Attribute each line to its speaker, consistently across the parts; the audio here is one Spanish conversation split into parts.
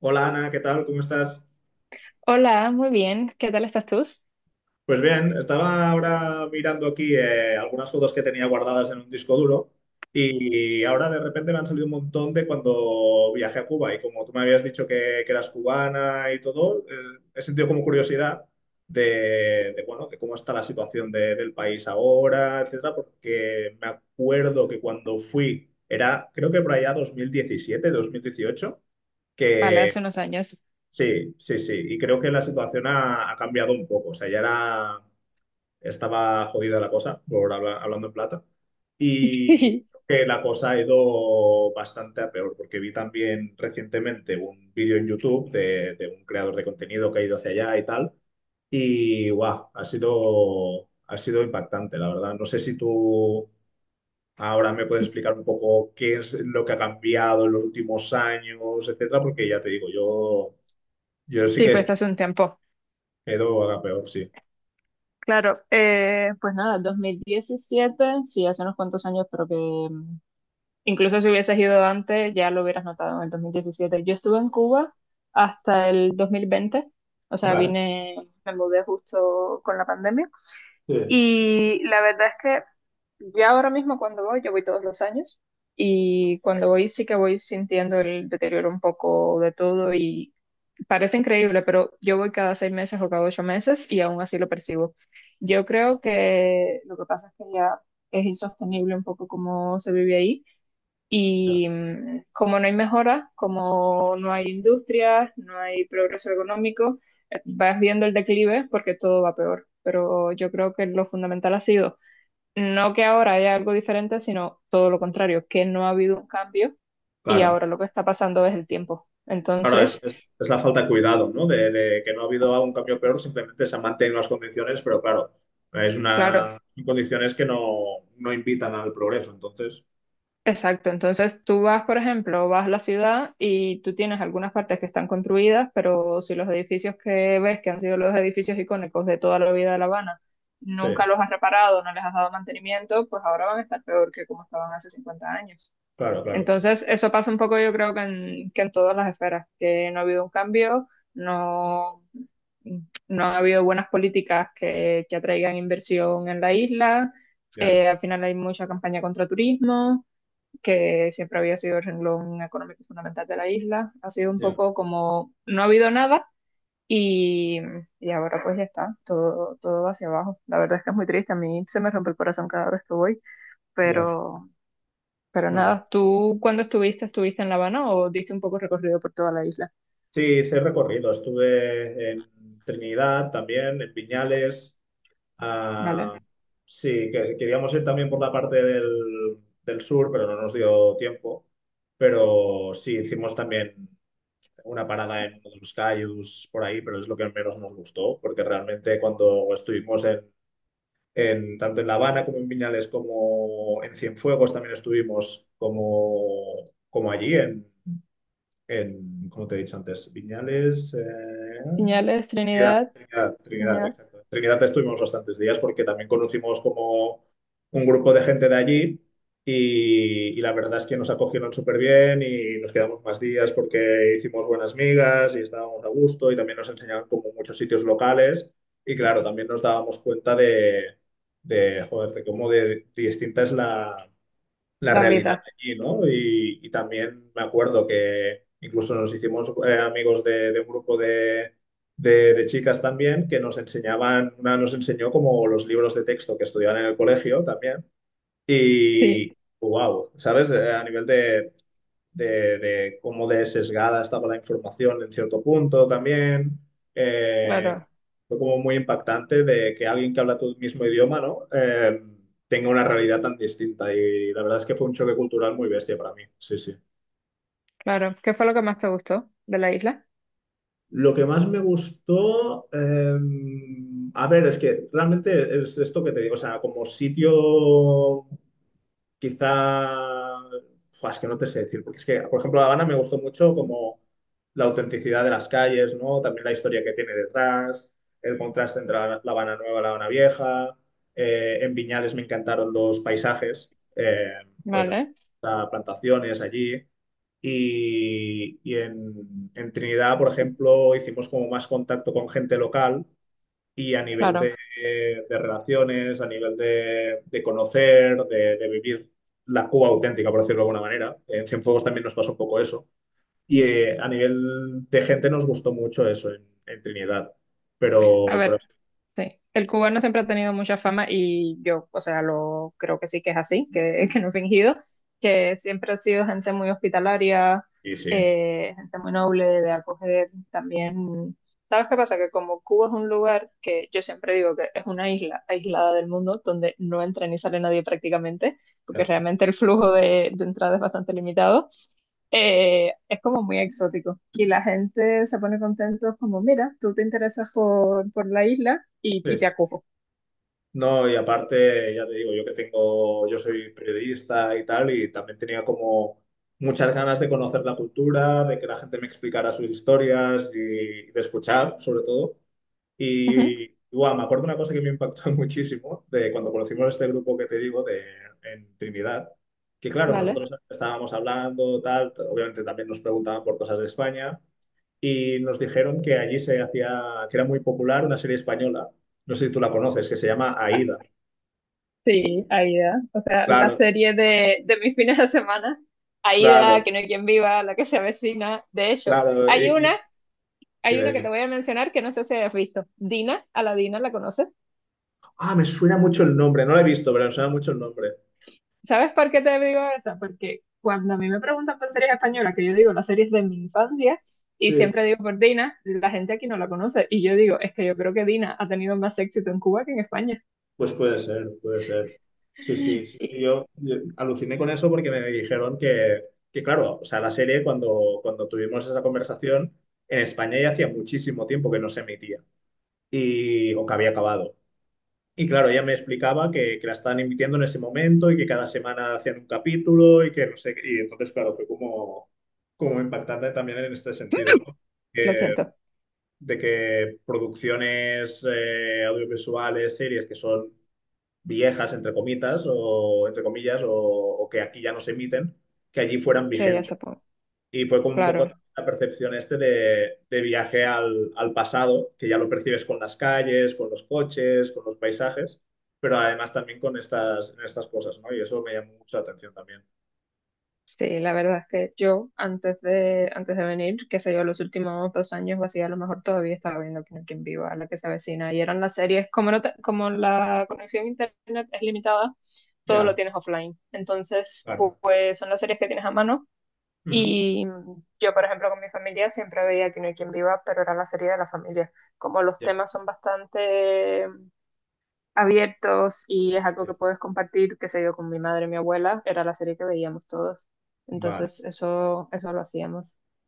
Speaker 1: Hola Ana, ¿qué tal? ¿Cómo estás?
Speaker 2: Hola, muy bien. ¿Qué tal estás tú?
Speaker 1: Pues bien, estaba ahora mirando aquí algunas fotos que tenía guardadas en un disco duro y ahora de repente me han salido un montón de cuando viajé a Cuba y como tú me habías dicho que eras cubana y todo, he sentido como curiosidad bueno, de cómo está la situación del país ahora, etcétera, porque me acuerdo que cuando fui, era creo que por allá 2017, 2018.
Speaker 2: Vale, hace unos años.
Speaker 1: Sí, sí, sí. Y creo que la situación ha cambiado un poco. O sea, ya era, estaba jodida la cosa, por hablando en plata. Y creo que la cosa ha ido bastante a peor, porque vi también recientemente un vídeo en YouTube de un creador de contenido que ha ido hacia allá y tal. Y guau, ha sido impactante, la verdad. No sé si tú ahora me puedes explicar un poco qué es lo que ha cambiado en los últimos años, etcétera, porque ya te digo, yo sí
Speaker 2: Sí,
Speaker 1: que
Speaker 2: pues
Speaker 1: estoy.
Speaker 2: hace un tiempo.
Speaker 1: Edo haga peor, sí.
Speaker 2: Claro, pues nada, 2017, sí, hace unos cuantos años, pero que incluso si hubieses ido antes ya lo hubieras notado en el 2017. Yo estuve en Cuba hasta el 2020, o sea,
Speaker 1: Vale,
Speaker 2: vine, me mudé justo con la pandemia
Speaker 1: sí.
Speaker 2: y la verdad es que ya ahora mismo cuando voy, yo voy todos los años y cuando voy sí que voy sintiendo el deterioro un poco de todo y, parece increíble, pero yo voy cada 6 meses o cada 8 meses y aún así lo percibo. Yo creo que lo que pasa es que ya es insostenible un poco cómo se vive ahí
Speaker 1: Ya.
Speaker 2: y como no hay mejora, como no hay industrias, no hay progreso económico, vas viendo el declive porque todo va peor. Pero yo creo que lo fundamental ha sido no que ahora haya algo diferente, sino todo lo contrario, que no ha habido un cambio y
Speaker 1: Claro.
Speaker 2: ahora lo que está pasando es el tiempo.
Speaker 1: Ahora es,
Speaker 2: Entonces,
Speaker 1: es la falta de cuidado, ¿no? De que no ha habido un cambio peor, simplemente se han mantenido las condiciones, pero claro, es
Speaker 2: claro.
Speaker 1: una son condiciones que no invitan al progreso. Entonces,
Speaker 2: Exacto, entonces tú vas, por ejemplo, vas a la ciudad y tú tienes algunas partes que están construidas, pero si los edificios que ves, que han sido los edificios icónicos de toda la vida de La Habana, nunca
Speaker 1: sí,
Speaker 2: los has reparado, no les has dado mantenimiento, pues ahora van a estar peor que como estaban hace 50 años.
Speaker 1: claro, claro.
Speaker 2: Entonces, eso pasa un poco, yo creo que que en todas las esferas, que no ha habido un cambio, no, no ha habido buenas políticas que atraigan inversión en la isla,
Speaker 1: Ya,
Speaker 2: al final hay mucha campaña contra turismo que siempre había sido el renglón económico fundamental de la isla. Ha sido un
Speaker 1: ya.
Speaker 2: poco como no ha habido nada y, y ahora pues ya está, todo, todo hacia abajo. La verdad es que es muy triste, a mí se me rompe el corazón cada vez que voy,
Speaker 1: Ya,
Speaker 2: pero, pero
Speaker 1: no, no.
Speaker 2: nada, ¿tú cuándo estuviste? ¿Estuviste en La Habana o diste un poco recorrido por toda la isla?
Speaker 1: Sí, hice recorrido. Estuve en Trinidad también, en Piñales. Ah,
Speaker 2: Vale.
Speaker 1: sí, que queríamos ir también por la parte del sur, pero no nos dio tiempo. Pero sí, hicimos también una parada en uno de los cayus por ahí, pero es lo que menos nos gustó, porque realmente cuando estuvimos en, tanto en La Habana como en Viñales, como en Cienfuegos también estuvimos, como allí como te he dicho antes, Viñales,
Speaker 2: Señales,
Speaker 1: Trinidad,
Speaker 2: Trinidad,
Speaker 1: Trinidad, Trinidad,
Speaker 2: Trinidad,
Speaker 1: exacto. Trinidad estuvimos bastantes días porque también conocimos como un grupo de gente de allí y la verdad es que nos acogieron súper bien y nos quedamos más días porque hicimos buenas migas y estábamos a gusto y también nos enseñaban como muchos sitios locales y claro, también nos dábamos cuenta de joder, de cómo de distinta es la
Speaker 2: la
Speaker 1: realidad
Speaker 2: vida.
Speaker 1: allí, ¿no? Y también me acuerdo que incluso nos hicimos amigos de un grupo de chicas también que nos enseñaban, una nos enseñó como los libros de texto que estudiaban en el colegio también.
Speaker 2: Sí,
Speaker 1: Y wow, ¿sabes? A nivel de cómo de sesgada estaba la información en cierto punto también. Eh,
Speaker 2: claro,
Speaker 1: fue como muy impactante de que alguien que habla tu mismo idioma, ¿no? Tenga una realidad tan distinta y la verdad es que fue un choque cultural muy bestia para mí, sí, sí.
Speaker 2: claro. ¿Qué fue lo que más te gustó de la isla?
Speaker 1: Lo que más me gustó, a ver, es que realmente es esto que te digo, o sea, como sitio. Quizá. Fua, es que no te sé decir, porque es que, por ejemplo, La Habana me gustó mucho como la autenticidad de las calles, ¿no? También la historia que tiene detrás, el contraste entre La Habana Nueva y La Habana Vieja. En Viñales me encantaron los paisajes, porque también
Speaker 2: Vale,
Speaker 1: está plantaciones allí. Y en Trinidad, por ejemplo, hicimos como más contacto con gente local y a nivel de,
Speaker 2: claro.
Speaker 1: de relaciones, a nivel de conocer, de vivir la Cuba auténtica, por decirlo de alguna manera. En Cienfuegos también nos pasó un poco eso. Y a nivel de gente nos gustó mucho eso en Trinidad.
Speaker 2: A
Speaker 1: Pero
Speaker 2: ver. Sí, el cubano siempre ha tenido mucha fama y yo, o sea, lo creo que sí que es así, que, que no he fingido, que siempre ha sido gente muy hospitalaria,
Speaker 1: sí, sí.
Speaker 2: gente muy noble de acoger también. ¿Sabes qué pasa? Que como Cuba es un lugar que yo siempre digo que es una isla aislada del mundo, donde no entra ni sale nadie prácticamente,
Speaker 1: Sí.
Speaker 2: porque realmente el flujo de entrada es bastante limitado, es como muy exótico y la gente se pone contento como, mira, tú te interesas por la isla y
Speaker 1: Sí.
Speaker 2: te acojo.
Speaker 1: No, y aparte, ya te digo, yo que tengo, yo soy periodista y tal, y también tenía como muchas ganas de conocer la cultura, de que la gente me explicara sus historias y de escuchar, sobre todo.
Speaker 2: Ujú.
Speaker 1: Y guau, me acuerdo una cosa que me impactó muchísimo de cuando conocimos este grupo que te digo en Trinidad, que claro,
Speaker 2: Vale.
Speaker 1: nosotros estábamos hablando, tal, obviamente también nos preguntaban por cosas de España, y nos dijeron que allí se hacía, que era muy popular una serie española, no sé si tú la conoces, que se llama
Speaker 2: Ah,
Speaker 1: Aída.
Speaker 2: sí, Aida. O sea, la
Speaker 1: Claro,
Speaker 2: serie de mis fines de semana. Aida,
Speaker 1: claro,
Speaker 2: que no hay quien viva, la que se avecina. De hecho,
Speaker 1: claro.
Speaker 2: hay una, hay
Speaker 1: Dime,
Speaker 2: una que te
Speaker 1: dime.
Speaker 2: voy a mencionar que no sé si has visto. Dina, a la Dina, ¿la conoces?
Speaker 1: Ah, me suena mucho el nombre, no la he visto, pero me suena mucho el nombre.
Speaker 2: ¿Sabes por qué te digo eso? Porque cuando a mí me preguntan por series españolas, que yo digo las series de mi infancia, y
Speaker 1: Sí,
Speaker 2: siempre digo por Dina, la gente aquí no la conoce. Y yo digo, es que yo creo que Dina ha tenido más éxito en Cuba que en España.
Speaker 1: pues puede ser, puede ser. Sí, sí, sí.
Speaker 2: Y-
Speaker 1: Yo aluciné con eso porque me dijeron claro, o sea, la serie cuando tuvimos esa conversación, en España ya hacía muchísimo tiempo que no se emitía o que había acabado. Y claro, ella me explicaba que la estaban emitiendo en ese momento y que cada semana hacían un capítulo y que no sé, qué. Y entonces, claro, fue como impactante también en este sentido, ¿no?
Speaker 2: lo
Speaker 1: Que-
Speaker 2: siento,
Speaker 1: de que producciones audiovisuales, series que son viejas, entre comitas, o entre comillas, o, que aquí ya no se emiten, que allí fueran
Speaker 2: que ella
Speaker 1: vigentes.
Speaker 2: se ponga.
Speaker 1: Y fue como un poco
Speaker 2: Claro.
Speaker 1: la percepción este de viaje al pasado, que ya lo percibes con las calles, con los coches, con los paisajes, pero además también en estas cosas, ¿no? Y eso me llamó mucho la atención también.
Speaker 2: Sí, la verdad es que yo antes de venir, qué sé yo, los últimos 2 años o así, a lo mejor todavía estaba viendo Quién es quien viva, la que se avecina, y eran las series, como, no te- como la conexión a internet es limitada, todo lo
Speaker 1: Ya,
Speaker 2: tienes offline. Entonces, pu-
Speaker 1: claro.
Speaker 2: pues son las series que tienes a mano,
Speaker 1: Ujú.
Speaker 2: y yo, por ejemplo, con mi familia siempre veía Quién es quien viva, pero era la serie de la familia. Como los
Speaker 1: Ya,
Speaker 2: temas son bastante abiertos y es algo que
Speaker 1: eh,
Speaker 2: puedes compartir, qué sé yo, con mi madre y mi abuela, era la serie que veíamos todos.
Speaker 1: vale,
Speaker 2: Entonces, eso lo hacíamos.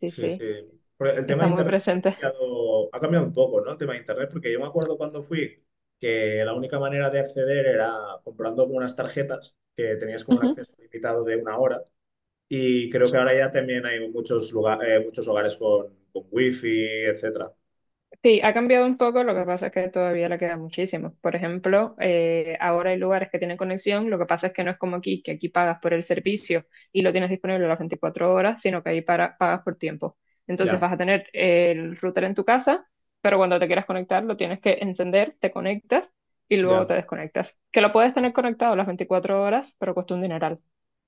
Speaker 2: Sí,
Speaker 1: sí, sí.
Speaker 2: sí,
Speaker 1: Pero el tema de
Speaker 2: está muy
Speaker 1: Internet sí que
Speaker 2: presente.
Speaker 1: ha cambiado un poco, ¿no? El tema de Internet, porque yo me acuerdo cuando fui que la única manera de acceder era comprando algunas tarjetas que tenías como un acceso limitado de una hora. Y creo que ahora ya también hay muchos muchos hogares con wifi, etcétera.
Speaker 2: Sí, ha cambiado un poco, lo que pasa es que todavía le queda muchísimo. Por ejemplo, ahora hay lugares que tienen conexión, lo que pasa es que no es como aquí, que aquí pagas por el servicio y lo tienes disponible las 24 horas, sino que ahí pagas por tiempo. Entonces
Speaker 1: Ya,
Speaker 2: vas a tener el router en tu casa, pero cuando te quieras conectar lo tienes que encender, te conectas y luego
Speaker 1: ya,
Speaker 2: te desconectas. Que lo puedes
Speaker 1: ya,
Speaker 2: tener conectado las 24 horas, pero cuesta un dineral.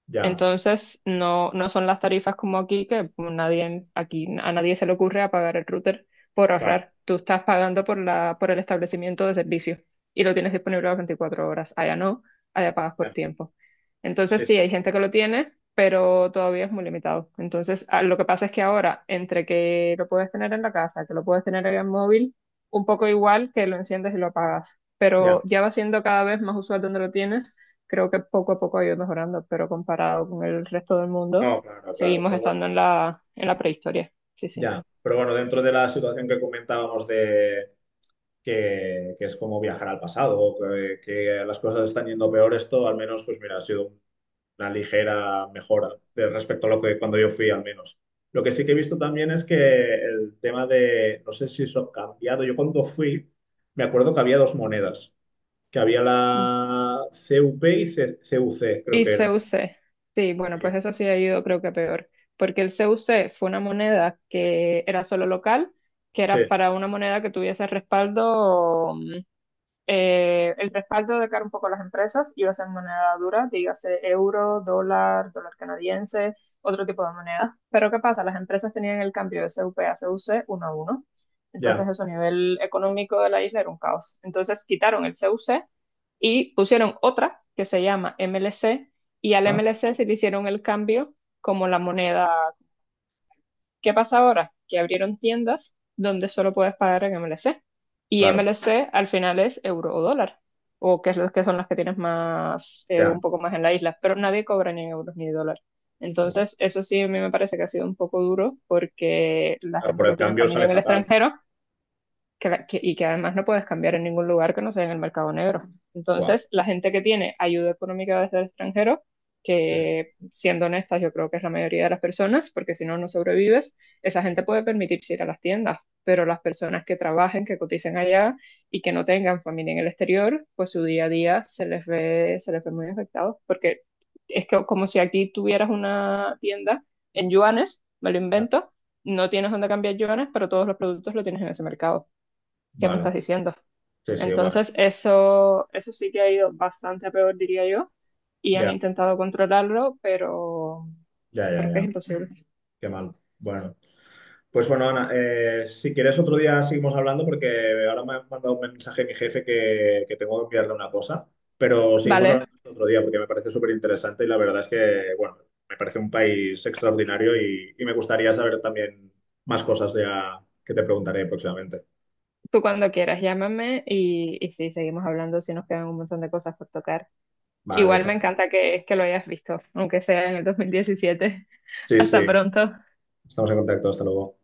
Speaker 1: ya,
Speaker 2: Entonces, no, no son las tarifas como aquí, que pues, nadie, aquí a nadie se le ocurre apagar el router por
Speaker 1: claro,
Speaker 2: ahorrar. Tú estás pagando por el establecimiento de servicio y lo tienes disponible las 24 horas. Allá no, allá pagas por
Speaker 1: ya,
Speaker 2: tiempo. Entonces,
Speaker 1: sí,
Speaker 2: sí,
Speaker 1: sí,
Speaker 2: hay gente que lo tiene, pero todavía es muy limitado. Entonces, lo que pasa es que ahora, entre que lo puedes tener en la casa, que lo puedes tener en el móvil, un poco igual que lo enciendes y lo apagas,
Speaker 1: ya.
Speaker 2: pero ya va siendo cada vez más usual donde lo tienes, creo que poco a poco ha ido mejorando, pero comparado con el resto del mundo,
Speaker 1: No, claro, claro,
Speaker 2: seguimos
Speaker 1: pero bueno,
Speaker 2: estando en la, prehistoria. Sí, sí.
Speaker 1: ya. Pero bueno, dentro de la situación que comentábamos de que es como viajar al pasado, que las cosas están yendo peor, esto al menos, pues mira, ha sido una ligera mejora de respecto a lo que cuando yo fui al menos. Lo que sí que he visto también es que el tema de, no sé si eso ha cambiado, yo cuando fui me acuerdo que había dos monedas, que había
Speaker 2: Mm.
Speaker 1: la CUP y CUC, creo
Speaker 2: Y
Speaker 1: que eran.
Speaker 2: CUC, sí, bueno, pues
Speaker 1: Sí,
Speaker 2: eso sí ha ido creo que a peor, porque el CUC fue una moneda que era solo local, que era
Speaker 1: sí,
Speaker 2: para una moneda que tuviese el respaldo de cara un poco a las empresas, iba a ser moneda dura, dígase euro, dólar, dólar canadiense, otro tipo de moneda. Pero ¿qué pasa? Las empresas tenían el cambio de CUP a CUC uno a uno. Entonces
Speaker 1: ya.
Speaker 2: eso a nivel económico de la isla era un caos. Entonces quitaron el CUC y pusieron otra que se llama MLC y al
Speaker 1: Ah,
Speaker 2: MLC se le hicieron el cambio como la moneda. ¿Qué pasa ahora? Que abrieron tiendas donde solo puedes pagar en MLC. Y
Speaker 1: claro,
Speaker 2: MLC al final es euro o dólar, o que es lo que son las que tienes más,
Speaker 1: ya.
Speaker 2: un poco más en la isla, pero nadie cobra ni en euros ni dólar.
Speaker 1: Buah.
Speaker 2: Entonces, eso sí a mí me parece que ha sido un poco duro porque la
Speaker 1: Claro, por
Speaker 2: gente
Speaker 1: el
Speaker 2: que tiene
Speaker 1: cambio
Speaker 2: familia
Speaker 1: sale
Speaker 2: en el
Speaker 1: fatal.
Speaker 2: extranjero, y que además no puedes cambiar en ningún lugar que no sea en el mercado negro.
Speaker 1: Buah,
Speaker 2: Entonces, la gente que tiene ayuda económica desde el extranjero,
Speaker 1: sí,
Speaker 2: que siendo honestas, yo creo que es la mayoría de las personas, porque si no, no sobrevives, esa gente
Speaker 1: ya,
Speaker 2: puede permitirse ir a las tiendas, pero las personas que trabajen, que coticen allá y que no tengan familia en el exterior, pues su día a día se les ve muy afectado, porque es que como si aquí tuvieras una tienda en yuanes, me lo
Speaker 1: ya.
Speaker 2: invento, no tienes dónde cambiar yuanes, pero todos los productos lo tienes en ese mercado. ¿Qué me
Speaker 1: Vale,
Speaker 2: estás diciendo?
Speaker 1: sí, sí, buah,
Speaker 2: Entonces, eso sí que ha ido bastante a peor, diría yo, y han
Speaker 1: ya,
Speaker 2: intentado controlarlo, pero,
Speaker 1: ya,
Speaker 2: pero
Speaker 1: ya,
Speaker 2: es que es
Speaker 1: ya.
Speaker 2: imposible.
Speaker 1: Qué mal. Bueno. Pues bueno, Ana, si quieres otro día seguimos hablando porque ahora me ha mandado un mensaje mi jefe que tengo que enviarle una cosa, pero seguimos hablando
Speaker 2: Vale,
Speaker 1: esto otro día porque me parece súper interesante y la verdad es que, bueno, me parece un país extraordinario y me gustaría saber también más cosas ya que te preguntaré próximamente.
Speaker 2: tú cuando quieras, llámame y sí, seguimos hablando si nos quedan un montón de cosas por tocar.
Speaker 1: Vale,
Speaker 2: Igual me
Speaker 1: estamos,
Speaker 2: encanta que lo hayas visto, aunque sea en el 2017.
Speaker 1: sí, sí,
Speaker 2: Hasta pronto. Hasta
Speaker 1: estamos en contacto, hasta luego.